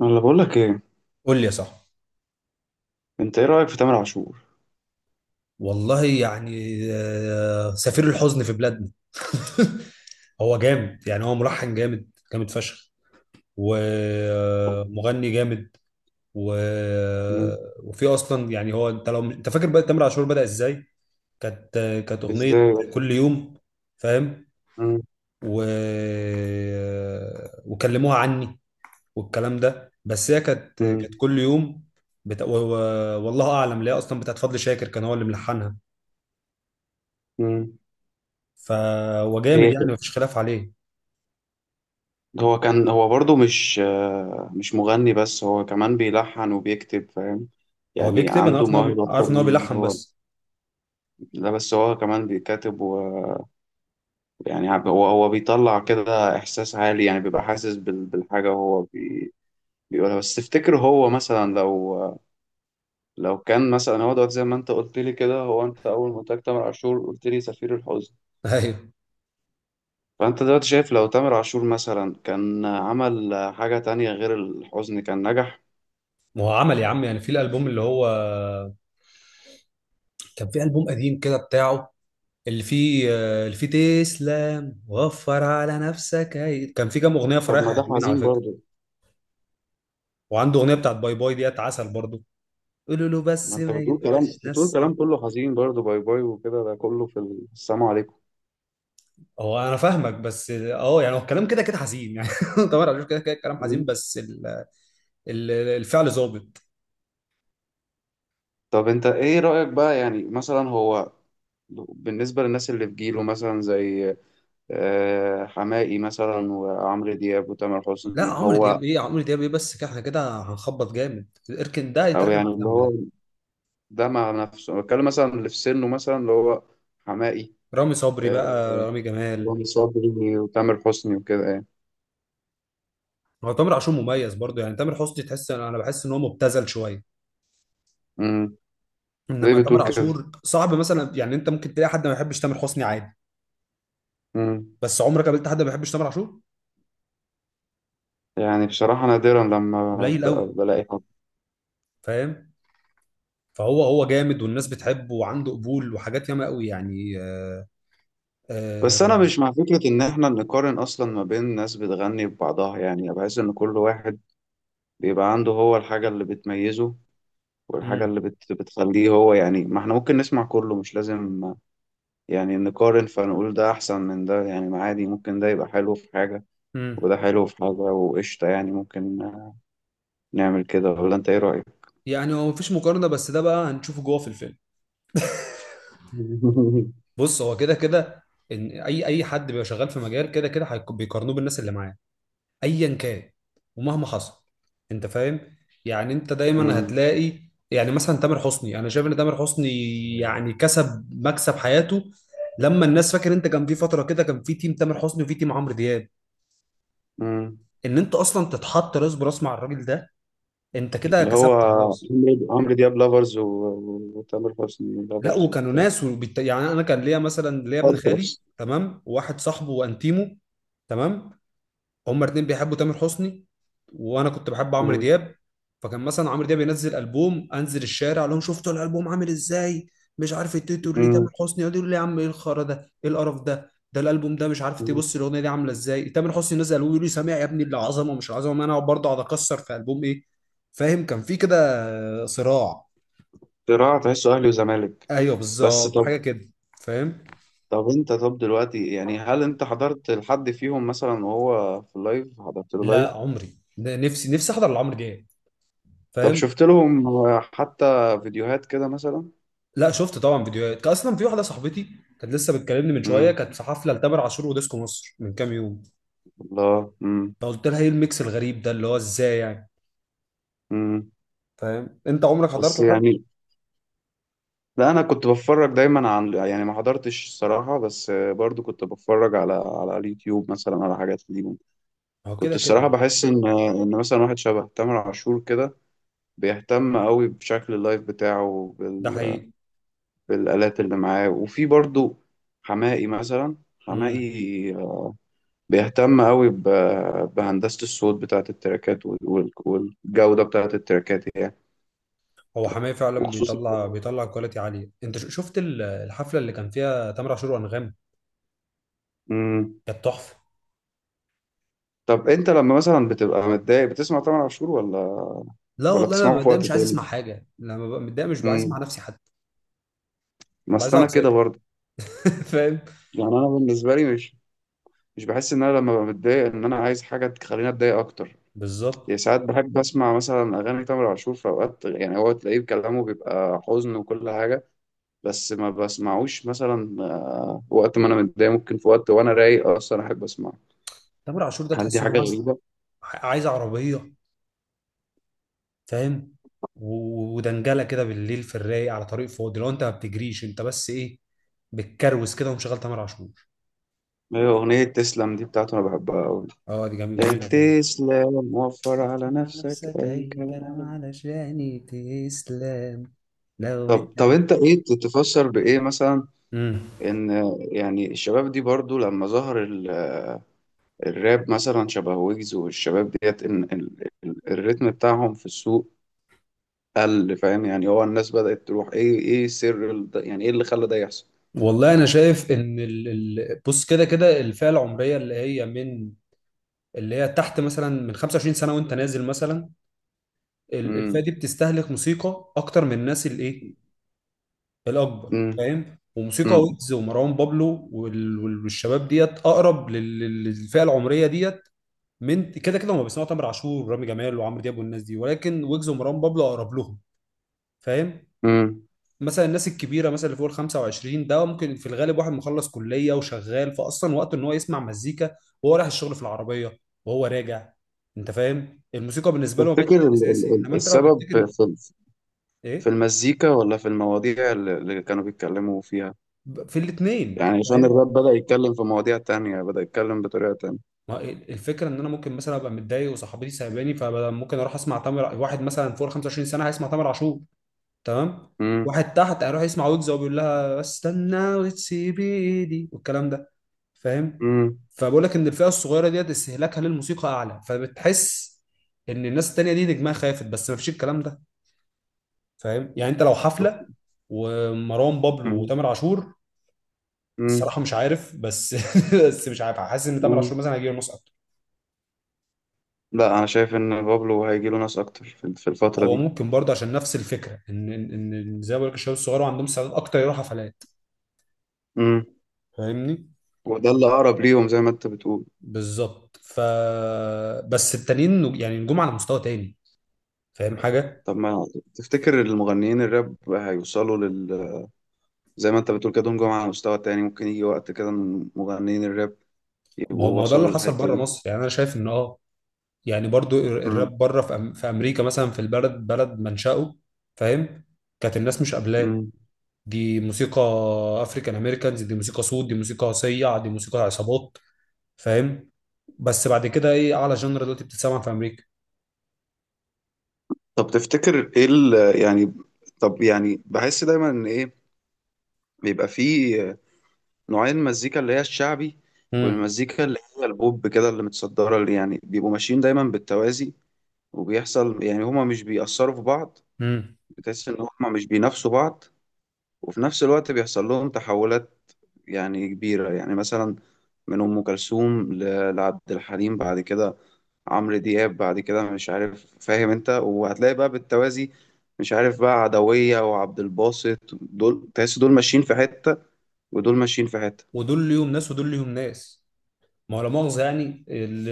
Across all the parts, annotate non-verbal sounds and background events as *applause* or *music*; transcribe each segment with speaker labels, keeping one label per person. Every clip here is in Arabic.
Speaker 1: انا اللي بقول لك ايه.
Speaker 2: قول لي يا صاحبي.
Speaker 1: انت ايه رايك في تامر عاشور؟
Speaker 2: والله يعني آه، سفير الحزن في بلادنا. *laughs* هو جامد يعني هو ملحن جامد جامد فشخ، ومغني جامد و...
Speaker 1: مم.
Speaker 2: وفي اصلا يعني هو انت لو انت فاكر بقى تامر عاشور بدأ ازاي. كانت كانت اغنية
Speaker 1: ازاي؟
Speaker 2: كل يوم، فاهم؟
Speaker 1: مم.
Speaker 2: و... وكلموها عني والكلام ده، بس هي كانت
Speaker 1: مم.
Speaker 2: كل يوم والله اعلم ليه اصلا، بتاعت فضل شاكر كان هو اللي ملحنها.
Speaker 1: مم.
Speaker 2: ف هو جامد
Speaker 1: هي كده.
Speaker 2: يعني مفيش خلاف عليه.
Speaker 1: هو برضو مش مغني، بس هو كمان بيلحن وبيكتب فاهم.
Speaker 2: هو
Speaker 1: يعني
Speaker 2: بيكتب، انا
Speaker 1: عنده
Speaker 2: عارف ان هو
Speaker 1: موهبة أكتر
Speaker 2: عارف ان هو
Speaker 1: من
Speaker 2: بيلحن
Speaker 1: هو.
Speaker 2: بس.
Speaker 1: لا، بس هو كمان بيكتب ويعني هو بيطلع كده إحساس عالي، يعني بيبقى حاسس بالحاجة، بيقولها. بس تفتكر هو مثلا لو كان مثلا هو دلوقتي زي ما أنت قلت لي كده، أنت أول ما قلت لك تامر عاشور قلت لي سفير الحزن.
Speaker 2: *laughs* ايوه،
Speaker 1: فأنت دلوقتي شايف لو تامر عاشور مثلا كان عمل حاجة تانية غير الحزن كان نجح؟
Speaker 2: ما هو عمل يا عم، يعني في الالبوم اللي هو كان في البوم قديم كده بتاعه، اللي فيه اللي فيه تسلم وفر على نفسك، هي كان في كام اغنيه
Speaker 1: طب
Speaker 2: فرايح
Speaker 1: ما ده
Speaker 2: حلوين على
Speaker 1: حزين
Speaker 2: فكره.
Speaker 1: برضه.
Speaker 2: وعنده اغنيه بتاعت باي باي ديت عسل برضه، قولوا له
Speaker 1: ما
Speaker 2: بس
Speaker 1: انت
Speaker 2: ما
Speaker 1: بتقول كلام
Speaker 2: يبقاش
Speaker 1: بتقول
Speaker 2: نسي.
Speaker 1: كلام كله حزين برضه، باي باي وكده، ده كله في السلام عليكم.
Speaker 2: هو انا فاهمك بس اه، يعني هو الكلام كده كده حزين يعني. *laughs* طبعا أنا بشوف كده كده الكلام حزين،
Speaker 1: مم.
Speaker 2: بس الفعل ظابط.
Speaker 1: طب انت ايه رأيك بقى، يعني مثلا هو بالنسبة للناس اللي في جيله مثلا، زي حماقي مثلا وعمرو دياب وتامر
Speaker 2: لا
Speaker 1: حسني،
Speaker 2: عمرو دياب
Speaker 1: هو
Speaker 2: ايه، عمرو دياب ايه، بس كده احنا كده هنخبط جامد، اركن ده
Speaker 1: او
Speaker 2: يتركن
Speaker 1: يعني
Speaker 2: على
Speaker 1: اللي
Speaker 2: جنب
Speaker 1: هو،
Speaker 2: ده.
Speaker 1: ده مع نفسه أنا بتكلم، مثلا اللي في سنه مثلا اللي هو حماقي.
Speaker 2: رامي صبري بقى،
Speaker 1: آه،
Speaker 2: رامي جمال.
Speaker 1: رامي صبري وتامر حسني وكده يعني.
Speaker 2: هو تامر عاشور مميز برضه يعني، تامر حسني تحس، انا بحس ان هو مبتذل شويه.
Speaker 1: امم. زي
Speaker 2: انما تامر
Speaker 1: بتقول كده.
Speaker 2: عاشور صعب مثلا، يعني انت ممكن تلاقي حد ما بيحبش تامر حسني عادي،
Speaker 1: امم.
Speaker 2: بس عمرك قابلت حد ما بيحبش تامر عاشور؟
Speaker 1: يعني بصراحة نادرا لما
Speaker 2: قليل قوي،
Speaker 1: بلاقي حد.
Speaker 2: فاهم؟ فهو هو جامد والناس بتحبه وعنده قبول وحاجات ياما قوي، يعني آه،
Speaker 1: بس أنا
Speaker 2: آه.
Speaker 1: مش مع فكرة إن إحنا نقارن أصلا ما بين ناس بتغني ببعضها، يعني بحس إن كل واحد بيبقى عنده هو الحاجة اللي بتميزه والحاجة
Speaker 2: مم،
Speaker 1: اللي بتخليه هو، يعني ما إحنا ممكن نسمع كله، مش لازم يعني نقارن فنقول ده أحسن من ده، يعني ما عادي ممكن ده يبقى حلو في حاجة
Speaker 2: مم.
Speaker 1: وده حلو في حاجة وقشطة. يعني ممكن نعمل كده، ولا أنت إيه رأيك؟
Speaker 2: يعني هو مفيش مقارنه، بس ده بقى هنشوفه جوه في الفيلم.
Speaker 1: *laughs*
Speaker 2: بص، هو كده كده ان اي حد بيبقى شغال في مجال كده كده بيقارنوه بالناس اللي معاه، ايا كان ومهما حصل. انت فاهم، يعني انت دايما هتلاقي، يعني مثلا تامر حسني، انا شايف ان تامر حسني يعني كسب مكسب حياته لما الناس، فاكر انت كان في فتره كده كان في تيم تامر حسني وفي تيم عمرو دياب،
Speaker 1: امم.
Speaker 2: ان انت اصلا تتحط راس براس مع الراجل ده، انت كده
Speaker 1: اللي هو
Speaker 2: كسبت خلاص.
Speaker 1: عمرو دياب لافرز وتامر حسني
Speaker 2: لا
Speaker 1: لافرز
Speaker 2: وكانوا
Speaker 1: وبتاع
Speaker 2: ناس يعني انا كان ليا مثلا، ليا ابن خالي
Speaker 1: التراس.
Speaker 2: تمام وواحد صاحبه وانتيمو، تمام؟ هما الاتنين بيحبوا تامر حسني وانا كنت بحب عمرو
Speaker 1: مم.
Speaker 2: دياب. فكان مثلا عمرو دياب ينزل البوم، انزل الشارع اقول لهم شفتوا الالبوم عامل ازاي، مش عارف التيتو ليه.
Speaker 1: مم.
Speaker 2: تامر حسني يقعدوا يقولوا لي يا عم ايه الخرا ده، ايه القرف ده، ده الالبوم ده مش عارف،
Speaker 1: مم.
Speaker 2: تبص الاغنيه دي عامله ازاي. تامر حسني نزل البوم يقول لي سامع يا ابني العظمه، مش العظمه، ما انا اقعد برضه اقعد اكسر في البوم ايه. فاهم؟ كان في كده صراع.
Speaker 1: صراع تحسه اهلي وزمالك.
Speaker 2: ايوه
Speaker 1: بس،
Speaker 2: بالظبط، حاجه كده، فاهم؟
Speaker 1: طب دلوقتي يعني، هل انت حضرت لحد فيهم مثلا وهو في اللايف؟ حضرت له لايف؟
Speaker 2: لا عمري، ده نفسي نفسي احضر لعمرو دياب،
Speaker 1: طب
Speaker 2: فاهم؟
Speaker 1: شفت لهم حتى فيديوهات كده مثلا؟
Speaker 2: لا شفت طبعا فيديوهات. كان اصلا في واحده صاحبتي كانت لسه بتكلمني من شويه،
Speaker 1: امم.
Speaker 2: كانت في حفله لتامر عاشور وديسكو مصر من كام يوم.
Speaker 1: الله. امم.
Speaker 2: فقلت لها ايه الميكس الغريب ده، اللي هو ازاي يعني.
Speaker 1: امم.
Speaker 2: فاهم؟ انت عمرك حضرت
Speaker 1: بس
Speaker 2: لحد؟
Speaker 1: يعني، لا انا كنت بتفرج دايما عن يعني، ما حضرتش الصراحة، بس برضو كنت بتفرج على اليوتيوب مثلا على حاجات ليهم.
Speaker 2: هو
Speaker 1: كنت
Speaker 2: كده
Speaker 1: الصراحة
Speaker 2: كده.
Speaker 1: بحس إن مثلا واحد شبه تامر عاشور كده بيهتم قوي بشكل اللايف بتاعه،
Speaker 2: ده حقيقي.
Speaker 1: بالآلات اللي معاه. وفي برضو حماقي،
Speaker 2: امم.
Speaker 1: بيهتم قوي بهندسة الصوت بتاعة التراكات والجودة بتاعة التراكات يعني،
Speaker 2: هو حماية فعلا
Speaker 1: وخصوصا.
Speaker 2: بيطلع، بيطلع كواليتي عاليه. انت شفت الحفله اللي كان فيها تامر عاشور وانغام؟
Speaker 1: مم.
Speaker 2: كانت تحفه.
Speaker 1: طب أنت لما مثلا بتبقى متضايق بتسمع تامر عاشور، ولا
Speaker 2: لا
Speaker 1: ولا
Speaker 2: والله، انا
Speaker 1: بتسمعه
Speaker 2: ببقى
Speaker 1: في
Speaker 2: متضايق
Speaker 1: وقت
Speaker 2: مش عايز
Speaker 1: تاني؟
Speaker 2: اسمع حاجه. لما ببقى متضايق مش عايز اسمع
Speaker 1: مم.
Speaker 2: نفسي حتى،
Speaker 1: ما
Speaker 2: ببقى عايز
Speaker 1: أصل أنا
Speaker 2: اقعد
Speaker 1: كده
Speaker 2: ساكت.
Speaker 1: برضه.
Speaker 2: *laughs* فاهم؟
Speaker 1: يعني أنا بالنسبة لي مش بحس ان انا لما بتضايق ان انا عايز حاجه تخليني اتضايق اكتر.
Speaker 2: بالظبط.
Speaker 1: يعني ساعات بحب اسمع مثلا اغاني تامر عاشور في اوقات، يعني هو تلاقيه كلامه بيبقى حزن وكل حاجه، بس ما بسمعوش مثلا وقت ما انا متضايق. ممكن في وقت وانا رايق اصلا احب اسمعه.
Speaker 2: تامر عاشور ده
Speaker 1: هل دي
Speaker 2: تحس ان هو
Speaker 1: حاجه
Speaker 2: عايز،
Speaker 1: غريبه؟
Speaker 2: عايز عربيه، فاهم؟ ودنجله كده بالليل في الرايق، على طريق فاضي، لو انت ما بتجريش انت، بس ايه، بتكروس كده ومشغل تامر عاشور.
Speaker 1: هي اغنيه تسلم دي بتاعته انا بحبها قوي.
Speaker 2: اه دي جميله،
Speaker 1: لا،
Speaker 2: جميله فعلا.
Speaker 1: تسلم وفر
Speaker 2: طف
Speaker 1: على
Speaker 2: مع
Speaker 1: نفسك
Speaker 2: نفسك
Speaker 1: اي
Speaker 2: أي كلام،
Speaker 1: كلام.
Speaker 2: علشان تسلم لو
Speaker 1: طب
Speaker 2: اتعبت.
Speaker 1: انت ايه تتفسر بايه مثلا
Speaker 2: امم،
Speaker 1: ان، يعني الشباب دي برضو لما ظهر الراب مثلا شبه ويجز، والشباب ديت ان الريتم بتاعهم في السوق قل. فاهم يعني هو الناس بدأت تروح ايه سر يعني ايه اللي خلى ده يحصل؟
Speaker 2: والله انا شايف ان بص كده كده الفئه العمريه اللي هي اللي هي تحت مثلا، من 25 سنه وانت نازل مثلا، الفئه
Speaker 1: امم.
Speaker 2: دي بتستهلك موسيقى اكتر من الناس الايه، الاكبر،
Speaker 1: امم.
Speaker 2: فاهم؟ وموسيقى
Speaker 1: امم.
Speaker 2: ويجز ومروان بابلو والشباب ديت اقرب للفئه العمريه ديت من كده كده. هم بيسمعوا تامر عاشور ورامي جمال وعمرو دياب والناس دي، ولكن ويجز ومروان بابلو اقرب لهم، فاهم؟
Speaker 1: امم.
Speaker 2: مثلا الناس الكبيره مثلا اللي فوق ال 25 ده، ممكن في الغالب واحد مخلص كليه وشغال، فاصلا وقته ان هو يسمع مزيكا وهو رايح الشغل في العربيه وهو راجع، انت فاهم؟ الموسيقى بالنسبه له ما بقتش
Speaker 1: تفتكر
Speaker 2: شيء اساسي، انما انت لو
Speaker 1: السبب
Speaker 2: تفتكر،
Speaker 1: في في
Speaker 2: ايه،
Speaker 1: المزيكا ولا في المواضيع اللي كانوا بيتكلموا فيها؟
Speaker 2: في الاثنين.
Speaker 1: يعني عشان الراب بدأ يتكلم في مواضيع تانية، بدأ يتكلم بطريقة تانية.
Speaker 2: ما الفكره ان انا ممكن مثلا ابقى متضايق وصاحبتي سايباني، فممكن اروح اسمع تامر. واحد مثلا فوق ال 25 سنه هيسمع تامر عاشور، تمام،
Speaker 1: امم.
Speaker 2: واحد تحت هيروح يسمع ويجز وبيقول لها استنى وتسيب ايدي والكلام ده، فاهم؟
Speaker 1: امم.
Speaker 2: فبقول لك ان الفئه الصغيره ديت استهلاكها للموسيقى اعلى، فبتحس ان الناس التانيه دي نجمها خافت، بس ما فيش الكلام ده، فاهم؟ يعني انت لو حفله ومروان بابلو
Speaker 1: امم.
Speaker 2: وتامر عاشور، الصراحه مش عارف، بس *laughs* بس مش عارف، حاسس ان تامر
Speaker 1: امم.
Speaker 2: عاشور مثلا هيجي له نص.
Speaker 1: لا، انا شايف ان بابلو هيجي له ناس اكتر في الفترة
Speaker 2: هو ممكن برضه عشان نفس الفكره إن زي ما بقول لك الشباب الصغار عندهم استعداد اكتر يروحوا حفلات،
Speaker 1: دي،
Speaker 2: فاهمني؟
Speaker 1: وده اللي أقرب ليهم زي ما أنت بتقول.
Speaker 2: بالظبط ف بس التانيين يعني جم على مستوى تاني، فاهم حاجه؟
Speaker 1: طب ما تفتكر المغنيين الراب هيوصلوا لل، زي ما أنت بتقول كده دول جم على مستوى تاني، ممكن يجي وقت كده من مغنيين الراب
Speaker 2: ما هو
Speaker 1: يبقوا
Speaker 2: ده اللي
Speaker 1: وصلوا
Speaker 2: حصل
Speaker 1: للحتة
Speaker 2: بره
Speaker 1: دي؟
Speaker 2: مصر يعني، انا شايف ان اه يعني برضه
Speaker 1: مم.
Speaker 2: الراب بره في, في امريكا مثلا، في البلد، بلد منشأه، فاهم؟ كانت الناس مش قابلاه.
Speaker 1: مم.
Speaker 2: دي موسيقى افريكان امريكانز، دي موسيقى سود، دي موسيقى صيع، دي موسيقى عصابات، فاهم؟ بس بعد كده ايه اعلى جنر دلوقتي بتتسمع في امريكا؟
Speaker 1: طب تفتكر إيه ال... يعني، طب يعني بحس دايما إن إيه، بيبقى فيه نوعين مزيكا، اللي هي الشعبي
Speaker 2: امم.
Speaker 1: والمزيكا اللي هي البوب كده اللي متصدرة، اللي يعني بيبقوا ماشيين دايما بالتوازي، وبيحصل يعني هما مش بيأثروا في بعض، بتحس إن هما مش بينافسوا بعض. وفي نفس الوقت بيحصل لهم تحولات يعني كبيرة، يعني مثلا من أم كلثوم لعبد الحليم، بعد كده عمرو دياب، بعد كده مش عارف فاهم أنت، وهتلاقي بقى بالتوازي مش عارف بقى عدوية وعبد الباسط، دول تحس دول ماشيين في حتة ودول ماشيين في حتة.
Speaker 2: ودول ليهم ناس ودول ليهم ناس. ما هو لا مؤاخذة يعني،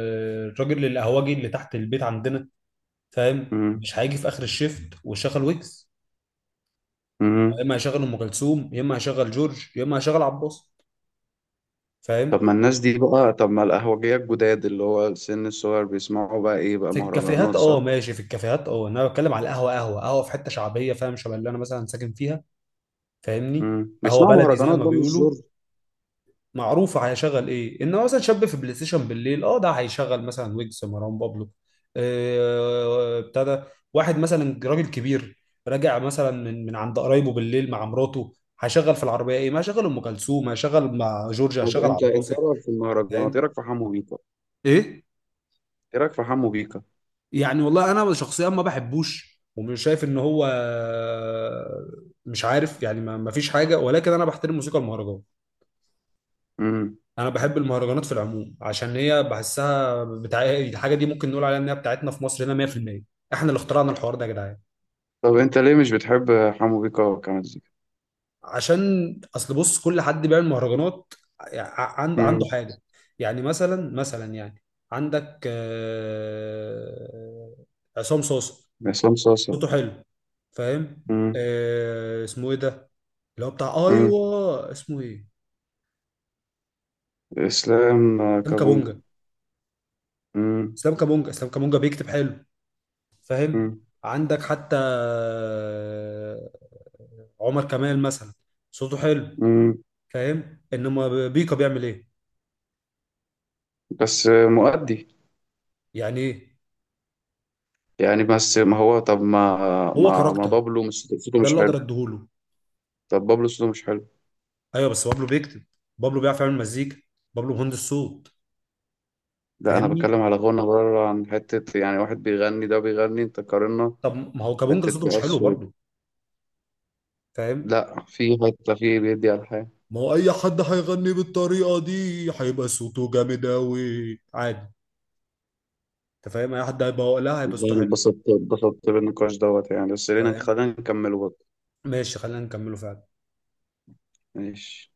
Speaker 2: الراجل القهوجي اللي تحت البيت عندنا، فاهم،
Speaker 1: مم.
Speaker 2: مش هيجي في اخر الشيفت ويشغل ويجز. يا
Speaker 1: مم.
Speaker 2: اما هيشغل ام كلثوم، يا اما هيشغل جورج، يا اما هيشغل عباس، فاهم؟
Speaker 1: طب ما الناس دي بقى، طب ما القهوجية الجداد اللي هو السن الصغير بيسمعوا بقى إيه بقى
Speaker 2: في الكافيهات
Speaker 1: مهرجانات
Speaker 2: اه
Speaker 1: صح؟
Speaker 2: ماشي. في الكافيهات اه، انا بتكلم على القهوه، قهوه قهوه في حته شعبيه، فاهم؟ شبه اللي انا مثلا ساكن فيها، فاهمني؟
Speaker 1: مم.
Speaker 2: قهوه
Speaker 1: بيسمعوا
Speaker 2: بلدي زي
Speaker 1: مهرجانات
Speaker 2: ما
Speaker 1: بقى مش
Speaker 2: بيقولوا،
Speaker 1: جورج.
Speaker 2: معروفه هيشغل ايه. انما مثلا شاب في بلاي ستيشن بالليل، اه ده هيشغل مثلا ويجز، مروان بابلو، آه، ابتدى. واحد مثلا راجل كبير راجع مثلا من عند قرايبه بالليل مع مراته، هيشغل في العربيه ايه؟ ما هيشغل ام كلثوم، هيشغل مع جورجيا،
Speaker 1: طب
Speaker 2: هيشغل عبد
Speaker 1: أنت
Speaker 2: الباسط،
Speaker 1: إيه رأيك في المهرجانات؟ إيه
Speaker 2: فاهم؟
Speaker 1: رأيك في حمو بيكا؟
Speaker 2: ايه؟
Speaker 1: ايه رايك في حمو بيكا؟
Speaker 2: يعني والله انا شخصيا ما بحبوش، ومش شايف ان هو، مش عارف يعني، ما ما فيش حاجه، ولكن انا بحترم موسيقى المهرجان.
Speaker 1: امم.
Speaker 2: انا بحب المهرجانات في العموم، عشان هي بحسها بتاع الحاجه دي، ممكن نقول عليها ان هي بتاعتنا في مصر هنا 100%. احنا اللي اخترعنا الحوار ده يا جدعان.
Speaker 1: طب انت ليه مش بتحب حمو بيكا كمزيكا؟
Speaker 2: عشان اصل بص، كل حد بيعمل مهرجانات عنده
Speaker 1: امم.
Speaker 2: حاجه، يعني مثلا، عندك آه، عصام صوصه،
Speaker 1: عصام صاصا.
Speaker 2: صوته حلو، فاهم؟
Speaker 1: امم.
Speaker 2: آه، اسمه ايه ده، اللي هو بتاع،
Speaker 1: امم.
Speaker 2: ايوه اسمه ايه،
Speaker 1: اسلام
Speaker 2: اسلام
Speaker 1: كابونجا.
Speaker 2: كابونجا.
Speaker 1: امم.
Speaker 2: اسلام كابونجا بيكتب حلو، فاهم؟
Speaker 1: امم.
Speaker 2: عندك حتى آه، عمر كمال مثلا، صوته حلو،
Speaker 1: امم.
Speaker 2: فاهم؟ انما بيكا بيعمل ايه
Speaker 1: بس مؤدي.
Speaker 2: يعني؟ ايه،
Speaker 1: يعني بس ما هو طب، ما
Speaker 2: هو
Speaker 1: ما ما
Speaker 2: كاركتر،
Speaker 1: بابلو مش صوته
Speaker 2: ده
Speaker 1: مش
Speaker 2: اللي اقدر
Speaker 1: حلو؟
Speaker 2: اديهوله.
Speaker 1: طب بابلو صوته مش حلو؟
Speaker 2: ايوه بس بابلو بيكتب، بابلو بيعرف يعمل مزيكا، بابلو مهندس صوت،
Speaker 1: لا، انا
Speaker 2: فاهمني؟
Speaker 1: بتكلم على غنى بره عن حته، يعني واحد بيغني ده بيغني، انت قارنا
Speaker 2: طب ما هو كابونجا
Speaker 1: حته
Speaker 2: صوته مش حلو
Speaker 1: بس و-.
Speaker 2: برضه، فاهم؟
Speaker 1: لا في حته في بيدي على الحياه.
Speaker 2: ما هو اي حد هيغني بالطريقه دي هيبقى صوته جامد قوي، عادي. انت فاهم، اي حد هيبقى وقلها هيبقى
Speaker 1: والله
Speaker 2: صوته
Speaker 1: أنا
Speaker 2: حلو،
Speaker 1: اتبسطت بالنقاش دوت يعني، بس خلينا
Speaker 2: فاهم؟
Speaker 1: خلينا نكمله.
Speaker 2: ماشي، خلينا نكمله فعلا.
Speaker 1: ماشي.